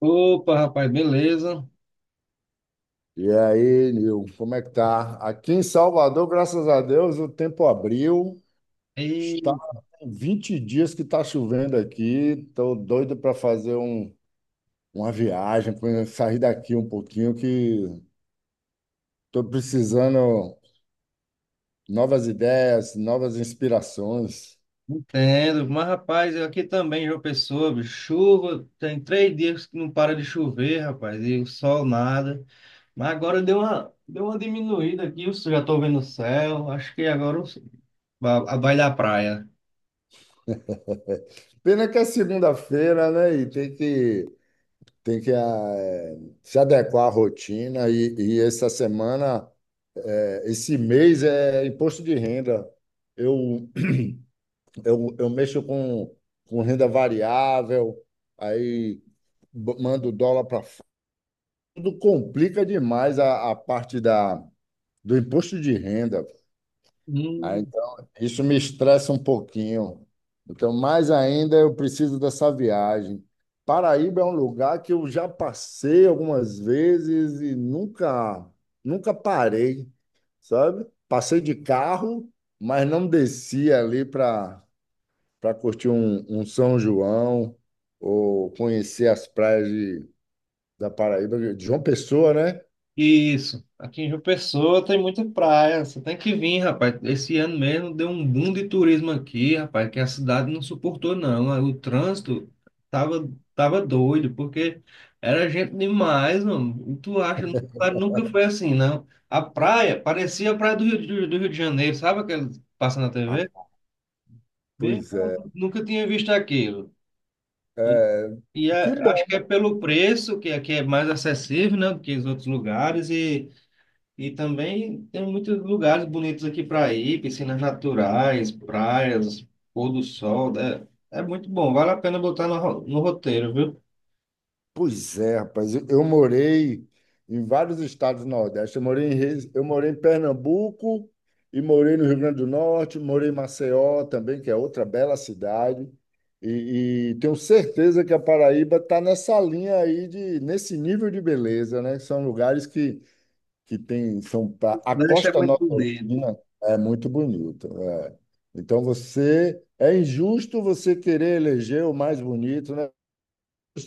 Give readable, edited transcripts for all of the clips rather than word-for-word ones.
Opa, rapaz, beleza? E aí, Nil, como é que tá? Aqui em Salvador, graças a Deus, o tempo abriu. Está E tem 20 dias que está chovendo aqui. Estou doido para fazer uma viagem, para sair daqui um pouquinho, que estou precisando novas ideias, novas inspirações. entendo. Mas, rapaz, eu aqui também, João Pessoa, bicho, chuva, tem 3 dias que não para de chover, rapaz, e o sol nada. Mas agora deu uma diminuída aqui, eu já tô vendo o céu, acho que vai dar praia. Pena que é segunda-feira, né? E tem que se adequar à rotina. E essa semana, esse mês é imposto de renda. Eu eu mexo com renda variável, aí mando o dólar para fora. Tudo complica demais a parte do imposto de renda. Ah, então, isso me estressa um pouquinho. Então, mais ainda, eu preciso dessa viagem. Paraíba é um lugar que eu já passei algumas vezes e nunca parei, sabe? Passei de carro, mas não desci ali para curtir um São João ou conhecer as praias da Paraíba, de João Pessoa, né? Isso. Aqui em João Pessoa tem muita praia. Você tem que vir, rapaz. Esse ano mesmo deu um boom de turismo aqui, rapaz, que a cidade não suportou, não. O trânsito tava, tava doido, porque era gente demais, mano. E tu acha, nunca foi assim, não. A praia parecia a praia do Rio de Janeiro, sabe aquele que passa na Ah, TV? Bem, pois é. nunca tinha visto aquilo. E, É. Que bom. acho que é pelo preço, que aqui é mais acessível, né, do que os outros lugares, e. E também tem muitos lugares bonitos aqui para ir, piscinas naturais, praias, pôr do sol. É, é muito bom, vale a pena botar no roteiro, viu? Pois é, rapaz. Eu morei em vários estados do Nordeste. Eu morei em Pernambuco e morei no Rio Grande do Norte, morei em Maceió também, que é outra bela cidade. E tenho certeza que a Paraíba está nessa linha aí nesse nível de beleza, né? São lugares que tem A O Nordeste é Costa muito bonito. Nordestina é muito bonita. É. Então você é injusto você querer eleger o mais bonito, né?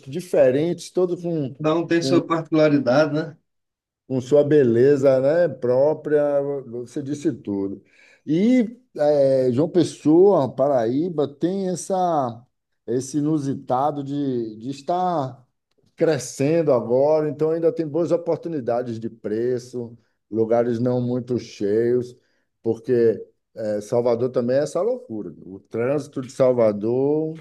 Diferentes, todos com Cada um tem sua particularidade, né? com sua beleza, né, própria, você disse tudo. E João Pessoa, Paraíba, tem esse inusitado de estar crescendo agora, então ainda tem boas oportunidades de preço, lugares não muito cheios, porque Salvador também é essa loucura. O trânsito de Salvador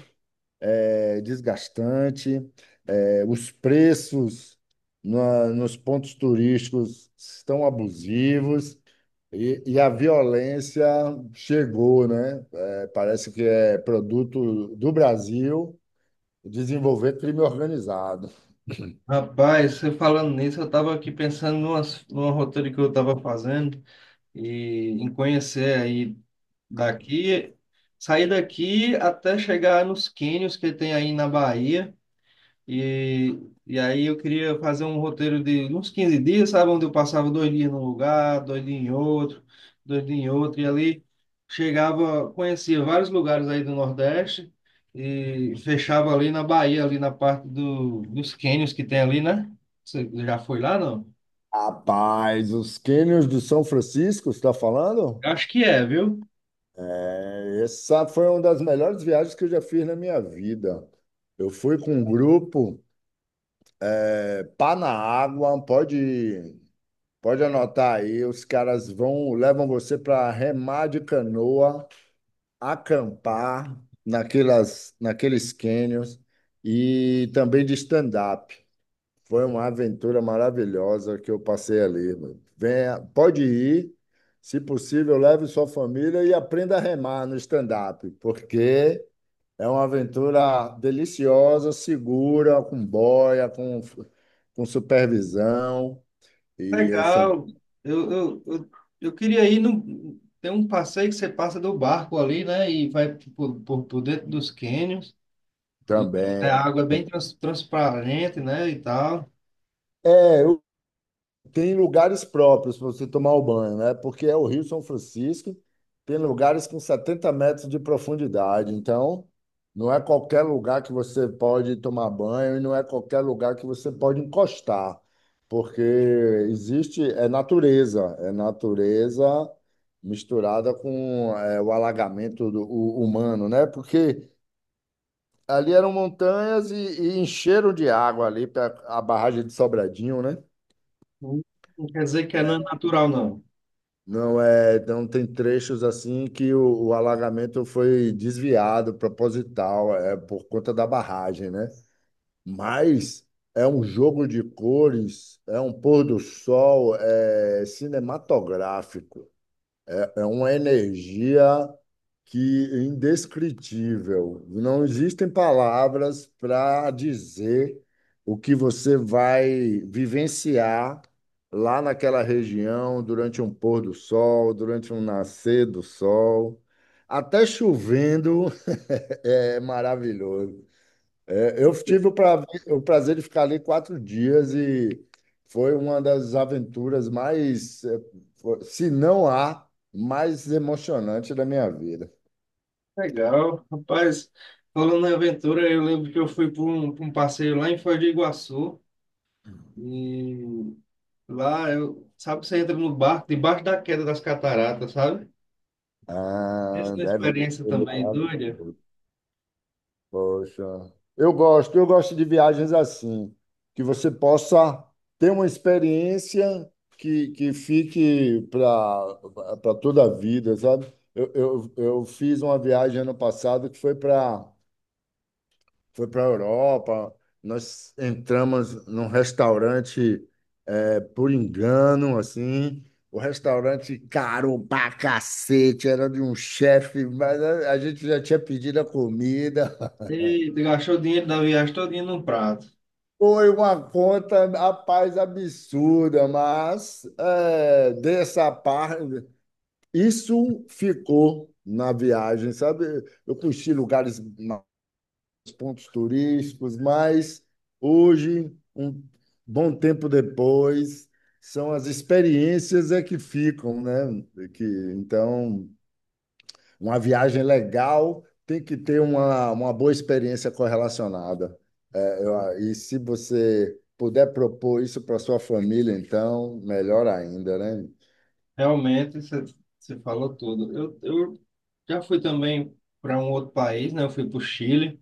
é desgastante, é, os preços nos pontos turísticos estão abusivos e a violência chegou, né? É, parece que é produto do Brasil desenvolver crime organizado. Rapaz, você falando nisso, eu estava aqui pensando numa roteiro que eu estava fazendo e em conhecer aí daqui, sair daqui até chegar nos cânions que tem aí na Bahia. E, e aí eu queria fazer um roteiro de uns 15 dias, sabe? Onde eu passava dois dias num lugar, dois dias em outro, dois dias em outro, e ali chegava, conhecia vários lugares aí do Nordeste e fechava ali na Bahia, ali na parte dos cânions que tem ali, né? Você já foi lá, não? Rapaz, os cânions do São Francisco, você está falando? Acho que é, viu? Essa foi uma das melhores viagens que eu já fiz na minha vida. Eu fui com um grupo, é, pá na água, pode. Pode anotar aí, os caras vão, levam você para remar de canoa, acampar naqueles canyons e também de stand-up. Foi uma aventura maravilhosa que eu passei ali, mano. Venha, pode ir, se possível, leve sua família e aprenda a remar no stand-up, porque é uma aventura deliciosa, segura, com boia, com supervisão. E eles são Legal. Eu, eu, eu, eu queria ir no. Tem um passeio que você passa do barco ali, né? E vai por dentro dos cânions. E também. a água é bem transparente, né, e tal. É, eu- Tem lugares próprios para você tomar o banho, né? Porque é o Rio São Francisco, tem lugares com 70 metros de profundidade. Então, não é qualquer lugar que você pode tomar banho e não é qualquer lugar que você pode encostar, porque existe, é natureza misturada com o alagamento humano, né? Porque ali eram montanhas e encheram de água ali para a barragem de Sobradinho, né? Não, não quer dizer que é não natural, não. Não é, então tem trechos assim que o alagamento foi desviado, proposital, é por conta da barragem, né? Mas é um jogo de cores, é um pôr do sol, é cinematográfico. É uma energia que é indescritível. Não existem palavras para dizer o que você vai vivenciar lá naquela região durante um pôr do sol, durante um nascer do sol. Até chovendo é maravilhoso. É, eu tive o, o prazer de ficar ali quatro dias e foi uma das aventuras mais, se não a mais emocionante da minha vida. Legal. Rapaz, falando em aventura, eu lembro que eu fui pra um passeio lá em Foz do Iguaçu. E lá, eu, sabe, você entra no barco, debaixo da queda das cataratas, sabe? Essa é Ah, uma deve experiência ser também doida. maravilhoso. Poxa, eu gosto de viagens assim, que você possa ter uma experiência que fique para toda a vida, sabe? Eu fiz uma viagem ano passado que foi para a Europa. Nós entramos num restaurante por engano, assim. O restaurante caro pra cacete, era de um chefe, mas a gente já tinha pedido a comida. E gastou o dinheiro da viagem todinha num prato. Foi uma conta, rapaz, absurda, mas é, dessa parte, isso ficou na viagem, sabe? Eu conheci lugares pontos turísticos, mas hoje, um bom tempo depois, são as experiências é que ficam, né? Que, então, uma viagem legal tem que ter uma boa experiência correlacionada. É, e se você puder propor isso para sua família, então, melhor ainda, né? Realmente, você você falou tudo. Eu já fui também para um outro país, né? Eu fui para o Chile.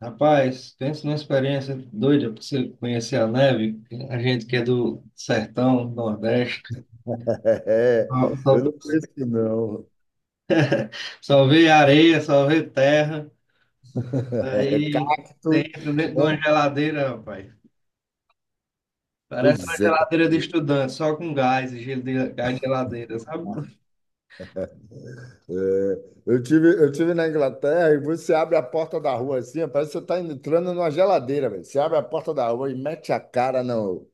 Rapaz, pensa numa experiência doida para você conhecer a neve. A gente que é do sertão, Nordeste, É, só, eu só, não penso que não. só vê areia, só vê terra. Aí você Cacto, entra dentro de uma bom, geladeira, rapaz. Parece uma pois é. geladeira de estudante, só com gás, e gelo de, gás de geladeira, sabe? É, eu tive na Inglaterra e você abre a porta da rua assim, parece que você está entrando numa geladeira, velho. Você abre a porta da rua e mete a cara no,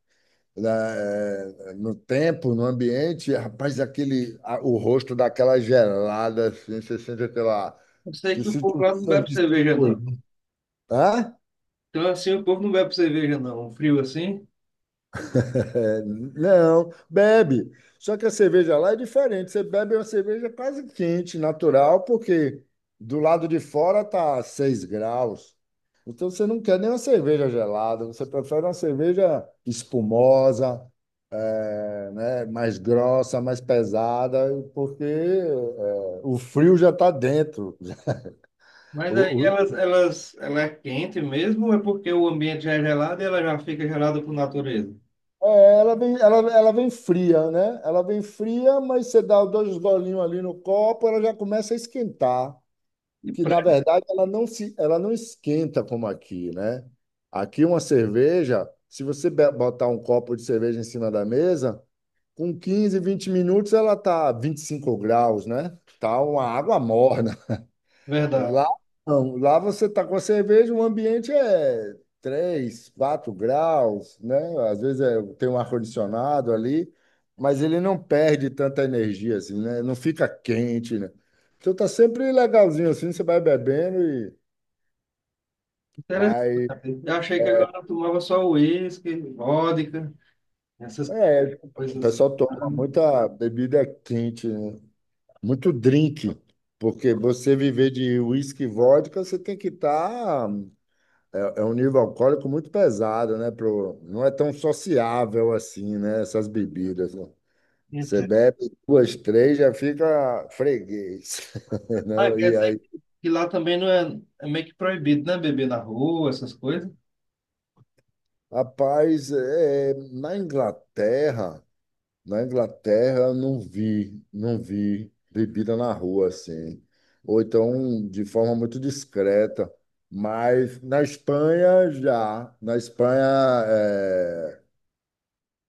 na, eh, no tempo, no ambiente, e, rapaz, o rosto daquela gelada, assim, você sente aquela. Eu sei Você que o sente povo um lá não bebe sangue cerveja, não. circulando. Hã? Então, assim, o povo não bebe cerveja, não. Um frio assim. É, não, bebe. Só que a cerveja lá é diferente. Você bebe uma cerveja quase quente, natural, porque do lado de fora tá 6 graus. Então você não quer nem uma cerveja gelada, você prefere uma cerveja espumosa, é, né, mais grossa, mais pesada, porque é, o frio já está dentro. Mas aí O- ela é quente mesmo, ou é porque o ambiente já é gelado e ela já fica gelada por natureza? é, ela vem fria, né? Ela vem fria, mas você dá dois golinhos ali no copo, ela já começa a esquentar. Que na verdade ela não esquenta como aqui, né? Aqui uma cerveja, se você botar um copo de cerveja em cima da mesa, com 15 20 minutos ela tá 25 graus, né? Tá uma água morna. Verdade. Lá não, lá você está com a cerveja, o ambiente é 3, 4 graus, né? Às vezes tem um ar-condicionado ali, mas ele não perde tanta energia assim, né? Não fica quente, né? Então tá sempre legalzinho assim, você vai bebendo e mas Interessante. Eu achei que agora eu tomava só uísque, vodka, essas é, o coisas. pessoal toma muita bebida quente, né? Muito drink, porque você viver de uísque e vodka, você tem que estar. É um nível alcoólico muito pesado, né? Pro, não é tão sociável assim, né? Essas bebidas. Né? Você Então, bebe duas, três, já fica freguês, ah, não? quer E dizer aí, que lá também não é, é meio que proibido, né? Beber na rua, essas coisas. rapaz, na Inglaterra eu não vi bebida na rua assim, ou então de forma muito discreta. Mas na Espanha é,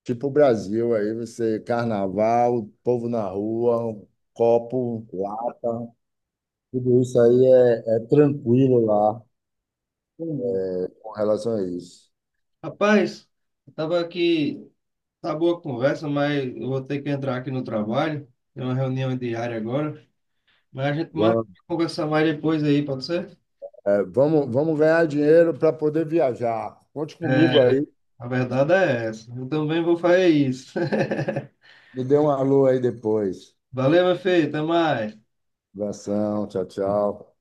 tipo o Brasil, aí você, carnaval, povo na rua, um copo, lata, tudo isso aí é, é tranquilo lá Hum. com relação a isso. Rapaz, eu tava aqui, tá boa a conversa, mas eu vou ter que entrar aqui no trabalho. Tem uma reunião diária agora. Mas a gente marca Vamos, de conversar mais depois aí, pode ser? vamos ganhar dinheiro para poder viajar. Conte comigo É, aí, a verdade é essa. Eu também vou fazer isso. me dê um alô aí depois. Valeu, meu filho. Até mais. Abração, tchau, tchau.